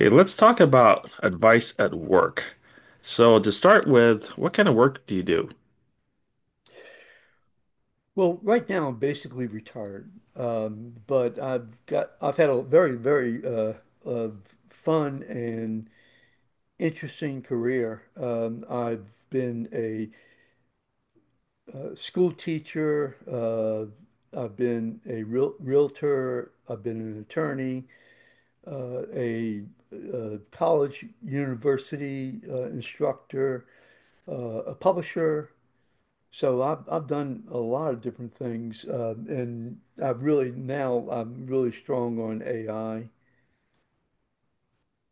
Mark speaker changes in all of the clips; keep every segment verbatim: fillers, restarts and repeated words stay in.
Speaker 1: Okay, let's talk about advice at work. So, to start with, what kind of work do you do?
Speaker 2: Well, right now I'm basically retired, um, but I've got I've had a very very uh, uh, fun and interesting career. Um, I've been a uh, school teacher. Uh, I've been a real realtor. I've been an attorney, uh, a, uh college university uh, instructor, uh, a publisher. So I've I've done a lot of different things, uh, and I really now I'm really strong on A I.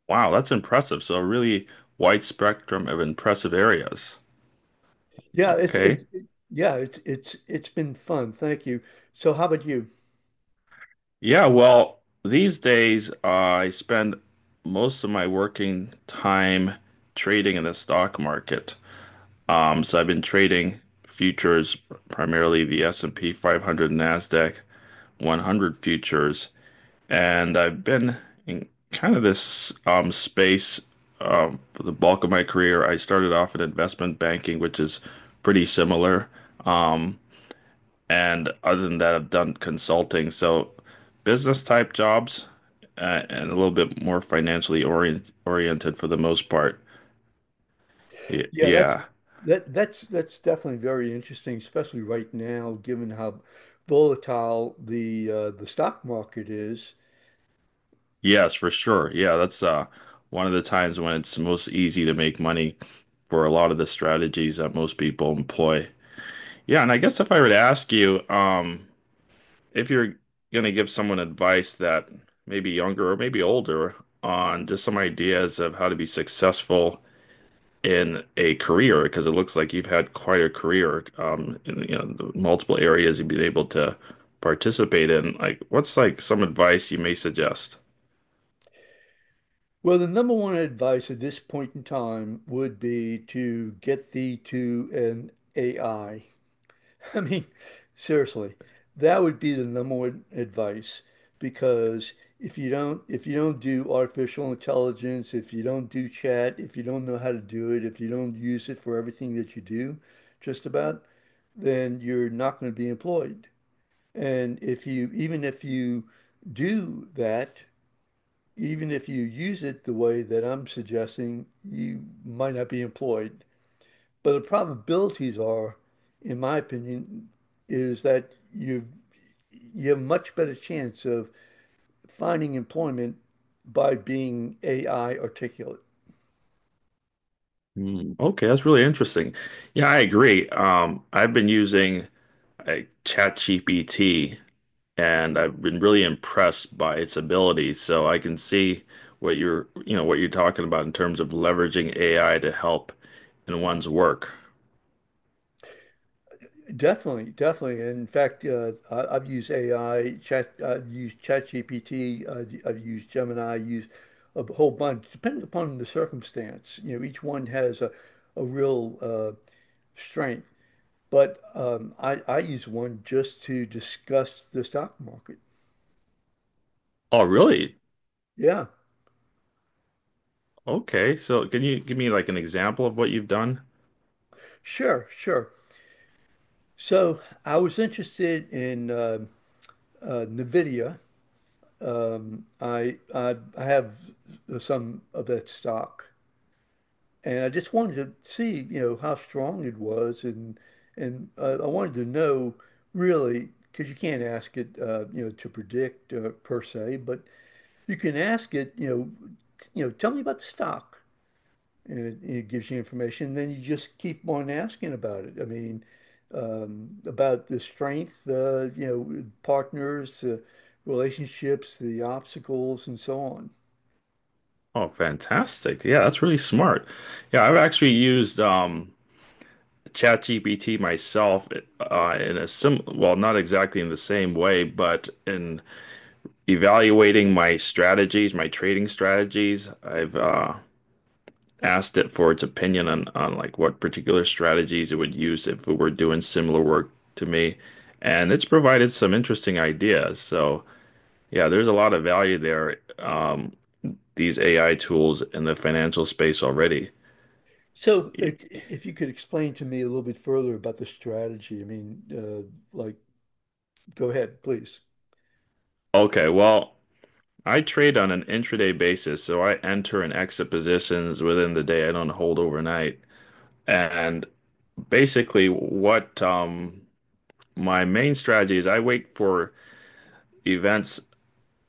Speaker 1: Wow, that's impressive. So, really wide spectrum of impressive areas.
Speaker 2: Yeah, it's it's
Speaker 1: Okay.
Speaker 2: it- yeah, it's it's it's been fun. Thank you. So how about you?
Speaker 1: Yeah, well, these days, uh, I spend most of my working time trading in the stock market. Um, so I've been trading futures, primarily the S and P five hundred NASDAQ one hundred futures. And I've been in kind of this um, space um, for the bulk of my career. I started off in investment banking, which is pretty similar. Um, and other than that, I've done consulting, so business type jobs uh, and a little bit more financially orient oriented for the most part. Y-
Speaker 2: Yeah, that's
Speaker 1: yeah,
Speaker 2: that that's that's definitely very interesting, especially right now, given how volatile the uh, the stock market is.
Speaker 1: yes, for sure. Yeah, that's uh, one of the times when it's most easy to make money for a lot of the strategies that most people employ. Yeah, and I guess if I were to ask you, um, if you're going to give someone advice that maybe younger or maybe older on just some ideas of how to be successful in a career, because it looks like you've had quite a career, um, in, you know, the multiple areas you've been able to participate in. Like, what's like some advice you may suggest?
Speaker 2: Well, the number one advice at this point in time would be to get thee to an A I. I mean, seriously, that would be the number one advice because if you don't if you don't do artificial intelligence, if you don't do chat, if you don't know how to do it, if you don't use it for everything that you do, just about, then you're not going to be employed. And if you even if you do that, even if you use it the way that I'm suggesting, you might not be employed. But the probabilities are, in my opinion, is that you you have a much better chance of finding employment by being A I articulate.
Speaker 1: Hmm, okay, that's really interesting. Yeah, I agree. Um, I've been using like ChatGPT and I've been really impressed by its ability. So I can see what you're, you know, what you're talking about in terms of leveraging A I to help in one's work.
Speaker 2: Definitely, definitely. In fact, uh, I, I've used A I, chat, I've used ChatGPT, I've, I've used Gemini, I use a whole bunch, depending upon the circumstance. You know, each one has a, a real uh, strength. But um, I, I use one just to discuss the stock market.
Speaker 1: Oh, really?
Speaker 2: Yeah.
Speaker 1: Okay. So can you give me like an example of what you've done?
Speaker 2: Sure, sure. So I was interested in uh, uh, NVIDIA. Um, I, I I have some of that stock, and I just wanted to see, you know, how strong it was, and and uh, I wanted to know really, because you can't ask it, uh, you know, to predict uh, per se, but you can ask it, you know, t- you know, tell me about the stock. And it, it gives you information. And then you just keep on asking about it. I mean, um, about the strength, uh, you know, partners, uh, relationships, the obstacles, and so on.
Speaker 1: Oh, fantastic. Yeah, that's really smart. Yeah, I've actually used um ChatGPT myself uh in a sim well, not exactly in the same way, but in evaluating my strategies, my trading strategies. I've uh asked it for its opinion on on like what particular strategies it would use if it were doing similar work to me, and it's provided some interesting ideas. So yeah, there's a lot of value there. Um, these A I tools in the financial space already.
Speaker 2: So, uh, c- if you could explain to me a little bit further about the strategy, I mean, uh, like, go ahead, please.
Speaker 1: Okay, well, I trade on an intraday basis, so I enter and exit positions within the day. I don't hold overnight. And basically, what um, my main strategy is, I wait for events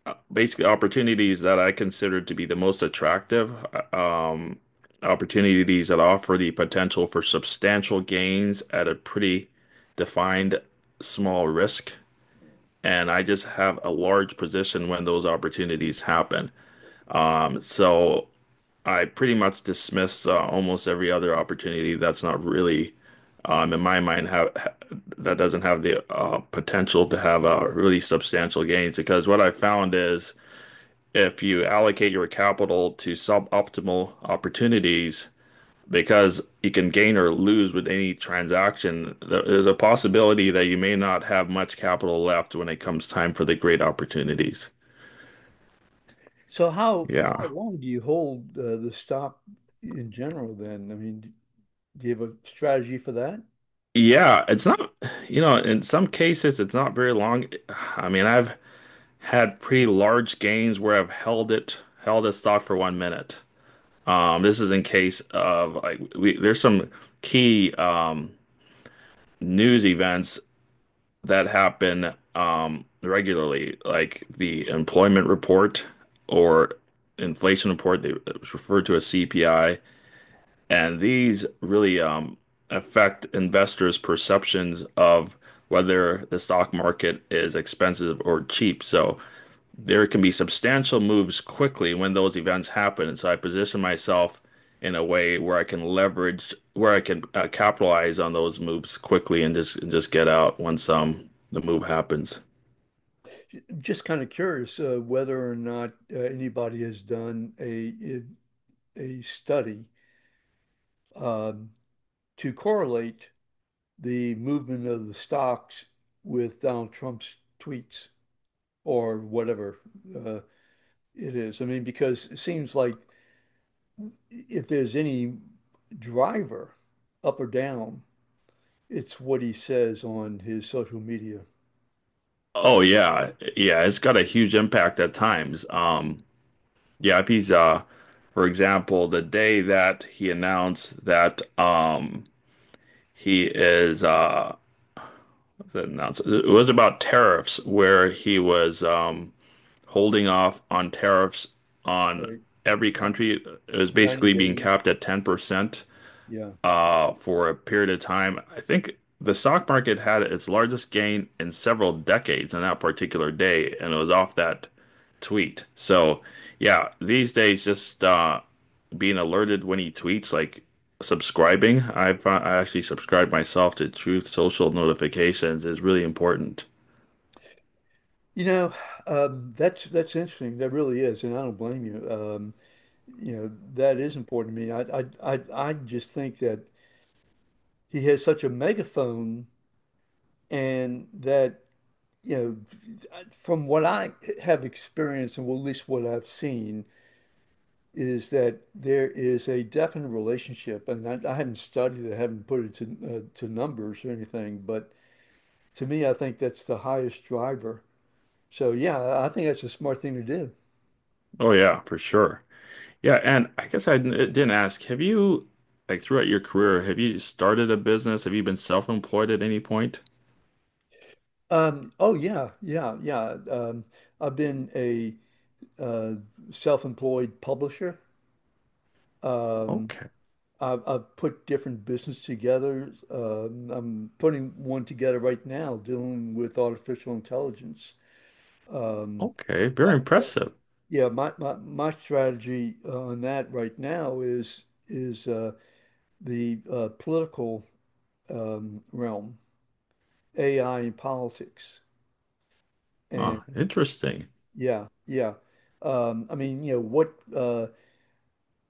Speaker 1: uh, basically opportunities that I consider to be the most attractive, uh, um, opportunities that offer the potential for substantial gains at a pretty defined small risk. And I just have a large position when those opportunities happen. Um, so I pretty much dismissed uh, almost every other opportunity that's not really, um, in my mind, have ha that doesn't have the uh, potential to have uh, really substantial gains. Because what I found is if you allocate your capital to suboptimal opportunities because you can gain or lose with any transaction, there's a possibility that you may not have much capital left when it comes time for the great opportunities.
Speaker 2: So, how how
Speaker 1: Yeah.
Speaker 2: long do you hold uh, the stock in general then? I mean, do you have a strategy for that?
Speaker 1: Yeah, it's not, you know, in some cases, it's not very long. I mean, I've had pretty large gains where I've held it, held a stock for one minute. Um, this is in case of like we, there's some key um, news events that happen um, regularly, like the employment report or inflation report, they, it was referred to as C P I, and these really um, affect investors' perceptions of whether the stock market is expensive or cheap. So there can be substantial moves quickly when those events happen. And so I position myself in a way where I can leverage, where I can uh, capitalize on those moves quickly and just and just get out once um the move happens.
Speaker 2: Just kind of curious uh, whether or not uh, anybody has done a a study um, to correlate the movement of the stocks with Donald Trump's tweets or whatever uh, it is. I mean, because it seems like if there's any driver up or down, it's what he says on his social media.
Speaker 1: Oh yeah, yeah, it's got a huge impact at times. Um, yeah, if he's uh, for example, the day that he announced that um he is uh announced it was about tariffs where he was um holding off on tariffs on
Speaker 2: Right.
Speaker 1: every
Speaker 2: Nin-
Speaker 1: country. It was
Speaker 2: ninety
Speaker 1: basically being
Speaker 2: days.
Speaker 1: capped at ten percent
Speaker 2: Yeah.
Speaker 1: uh, for a period of time. I think the stock market had its largest gain in several decades on that particular day, and it was off that tweet. So, yeah, these days, just uh, being alerted when he tweets, like subscribing. I've uh, I actually subscribed myself to Truth Social notifications is really important.
Speaker 2: You know, um, that's that's interesting. That really is, and I don't blame you. Um, you know, that is important to me. I, I I I just think that he has such a megaphone, and that you know, from what I have experienced, and well, at least what I've seen, is that there is a definite relationship, and I, I haven't studied it, I haven't put it to uh, to numbers or anything, but to me, I think that's the highest driver. So yeah, I think that's a smart thing to do.
Speaker 1: Oh yeah, for sure. Yeah, and I guess I didn't didn't ask, have you, like throughout your career, have you started a business? Have you been self-employed at any point?
Speaker 2: Um, oh yeah, yeah, yeah. Um, I've been a uh, self-employed publisher. Um,
Speaker 1: Okay.
Speaker 2: I've, I've put different business together. Um, I'm putting one together right now dealing with artificial intelligence. Um,
Speaker 1: Okay. Very
Speaker 2: but yeah,
Speaker 1: impressive.
Speaker 2: yeah, my, my, my strategy on that right now is is uh, the uh, political um, realm, A I and politics.
Speaker 1: Huh. Interesting.
Speaker 2: Yeah, yeah. Um, I mean, you know, what uh,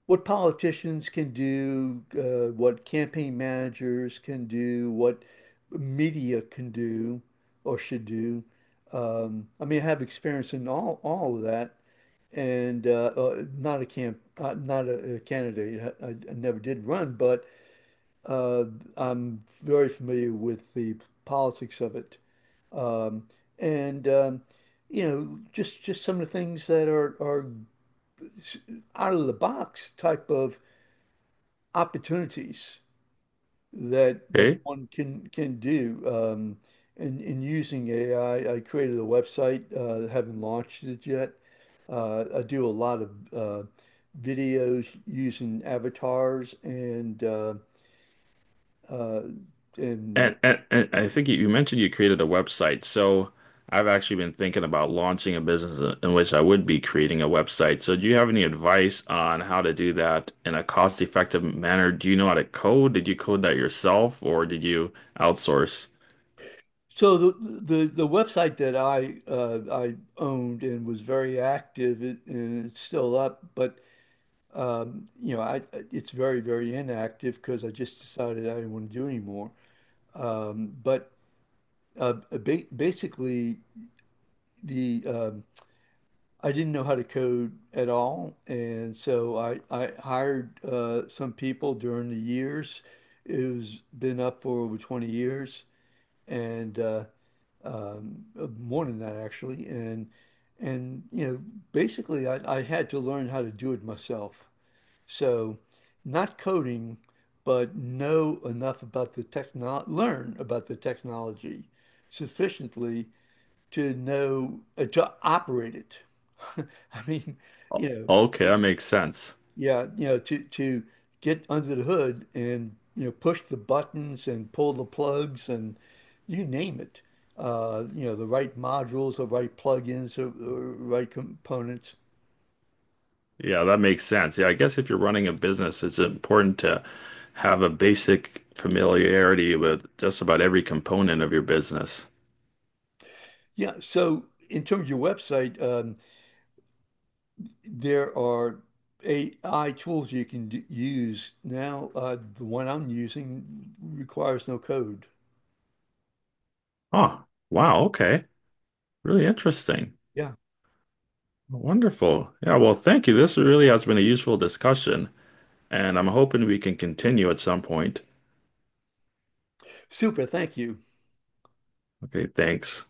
Speaker 2: what politicians can do, uh, what campaign managers can do, what media can do or should do. Um, I mean, I have experience in all all of that, and uh, uh, not a camp, uh, not a, a candidate. I, I I never did run, but uh, I'm very familiar with the politics of it. Um, and um, you know, just just some of the things that are are out of the box type of opportunities that that
Speaker 1: Okay.
Speaker 2: one can can do. Um, in in using A I, I I created a website, uh, haven't launched it yet. Uh, I do a lot of uh, videos using avatars and uh, uh, and
Speaker 1: And, and, and I think you you mentioned you created a website. So I've actually been thinking about launching a business in in which I would be creating a website. So do you have any advice on how to do that in a cost-effective manner? Do you know how to code? Did you code that yourself or did you outsource?
Speaker 2: so the the the website that I uh, I owned and was very active it, and it's still up, but um, you know I it's very very inactive because I just decided I didn't want to do anymore. Um, but uh, uh, ba basically the um, I didn't know how to code at all, and so I I hired uh, some people during the years. It was been up for over twenty years, and uh, um, uh, more than that actually, and and you know basically I, I had to learn how to do it myself. So not coding, but know enough about the techno learn about the technology sufficiently to know uh, to operate it. I mean,
Speaker 1: O-
Speaker 2: you know.
Speaker 1: Okay, that makes sense.
Speaker 2: Yeah, you know, to to get under the hood and you know push the buttons and pull the plugs and you name it. Uh, you know, the right modules, the right plugins, the right components.
Speaker 1: Yeah, that makes sense. Yeah, I guess if you're running a business, it's important to have a basic familiarity with just about every component of your business.
Speaker 2: Yeah. So in terms of your website, um, there are A I tools you can d use now. Uh, the one I'm using requires no code.
Speaker 1: Oh, wow. Okay. Really interesting.
Speaker 2: Yeah.
Speaker 1: Wonderful. Yeah, well, thank you. This really has been a useful discussion, and I'm hoping we can continue at some point.
Speaker 2: Super. Thank you.
Speaker 1: Okay, thanks.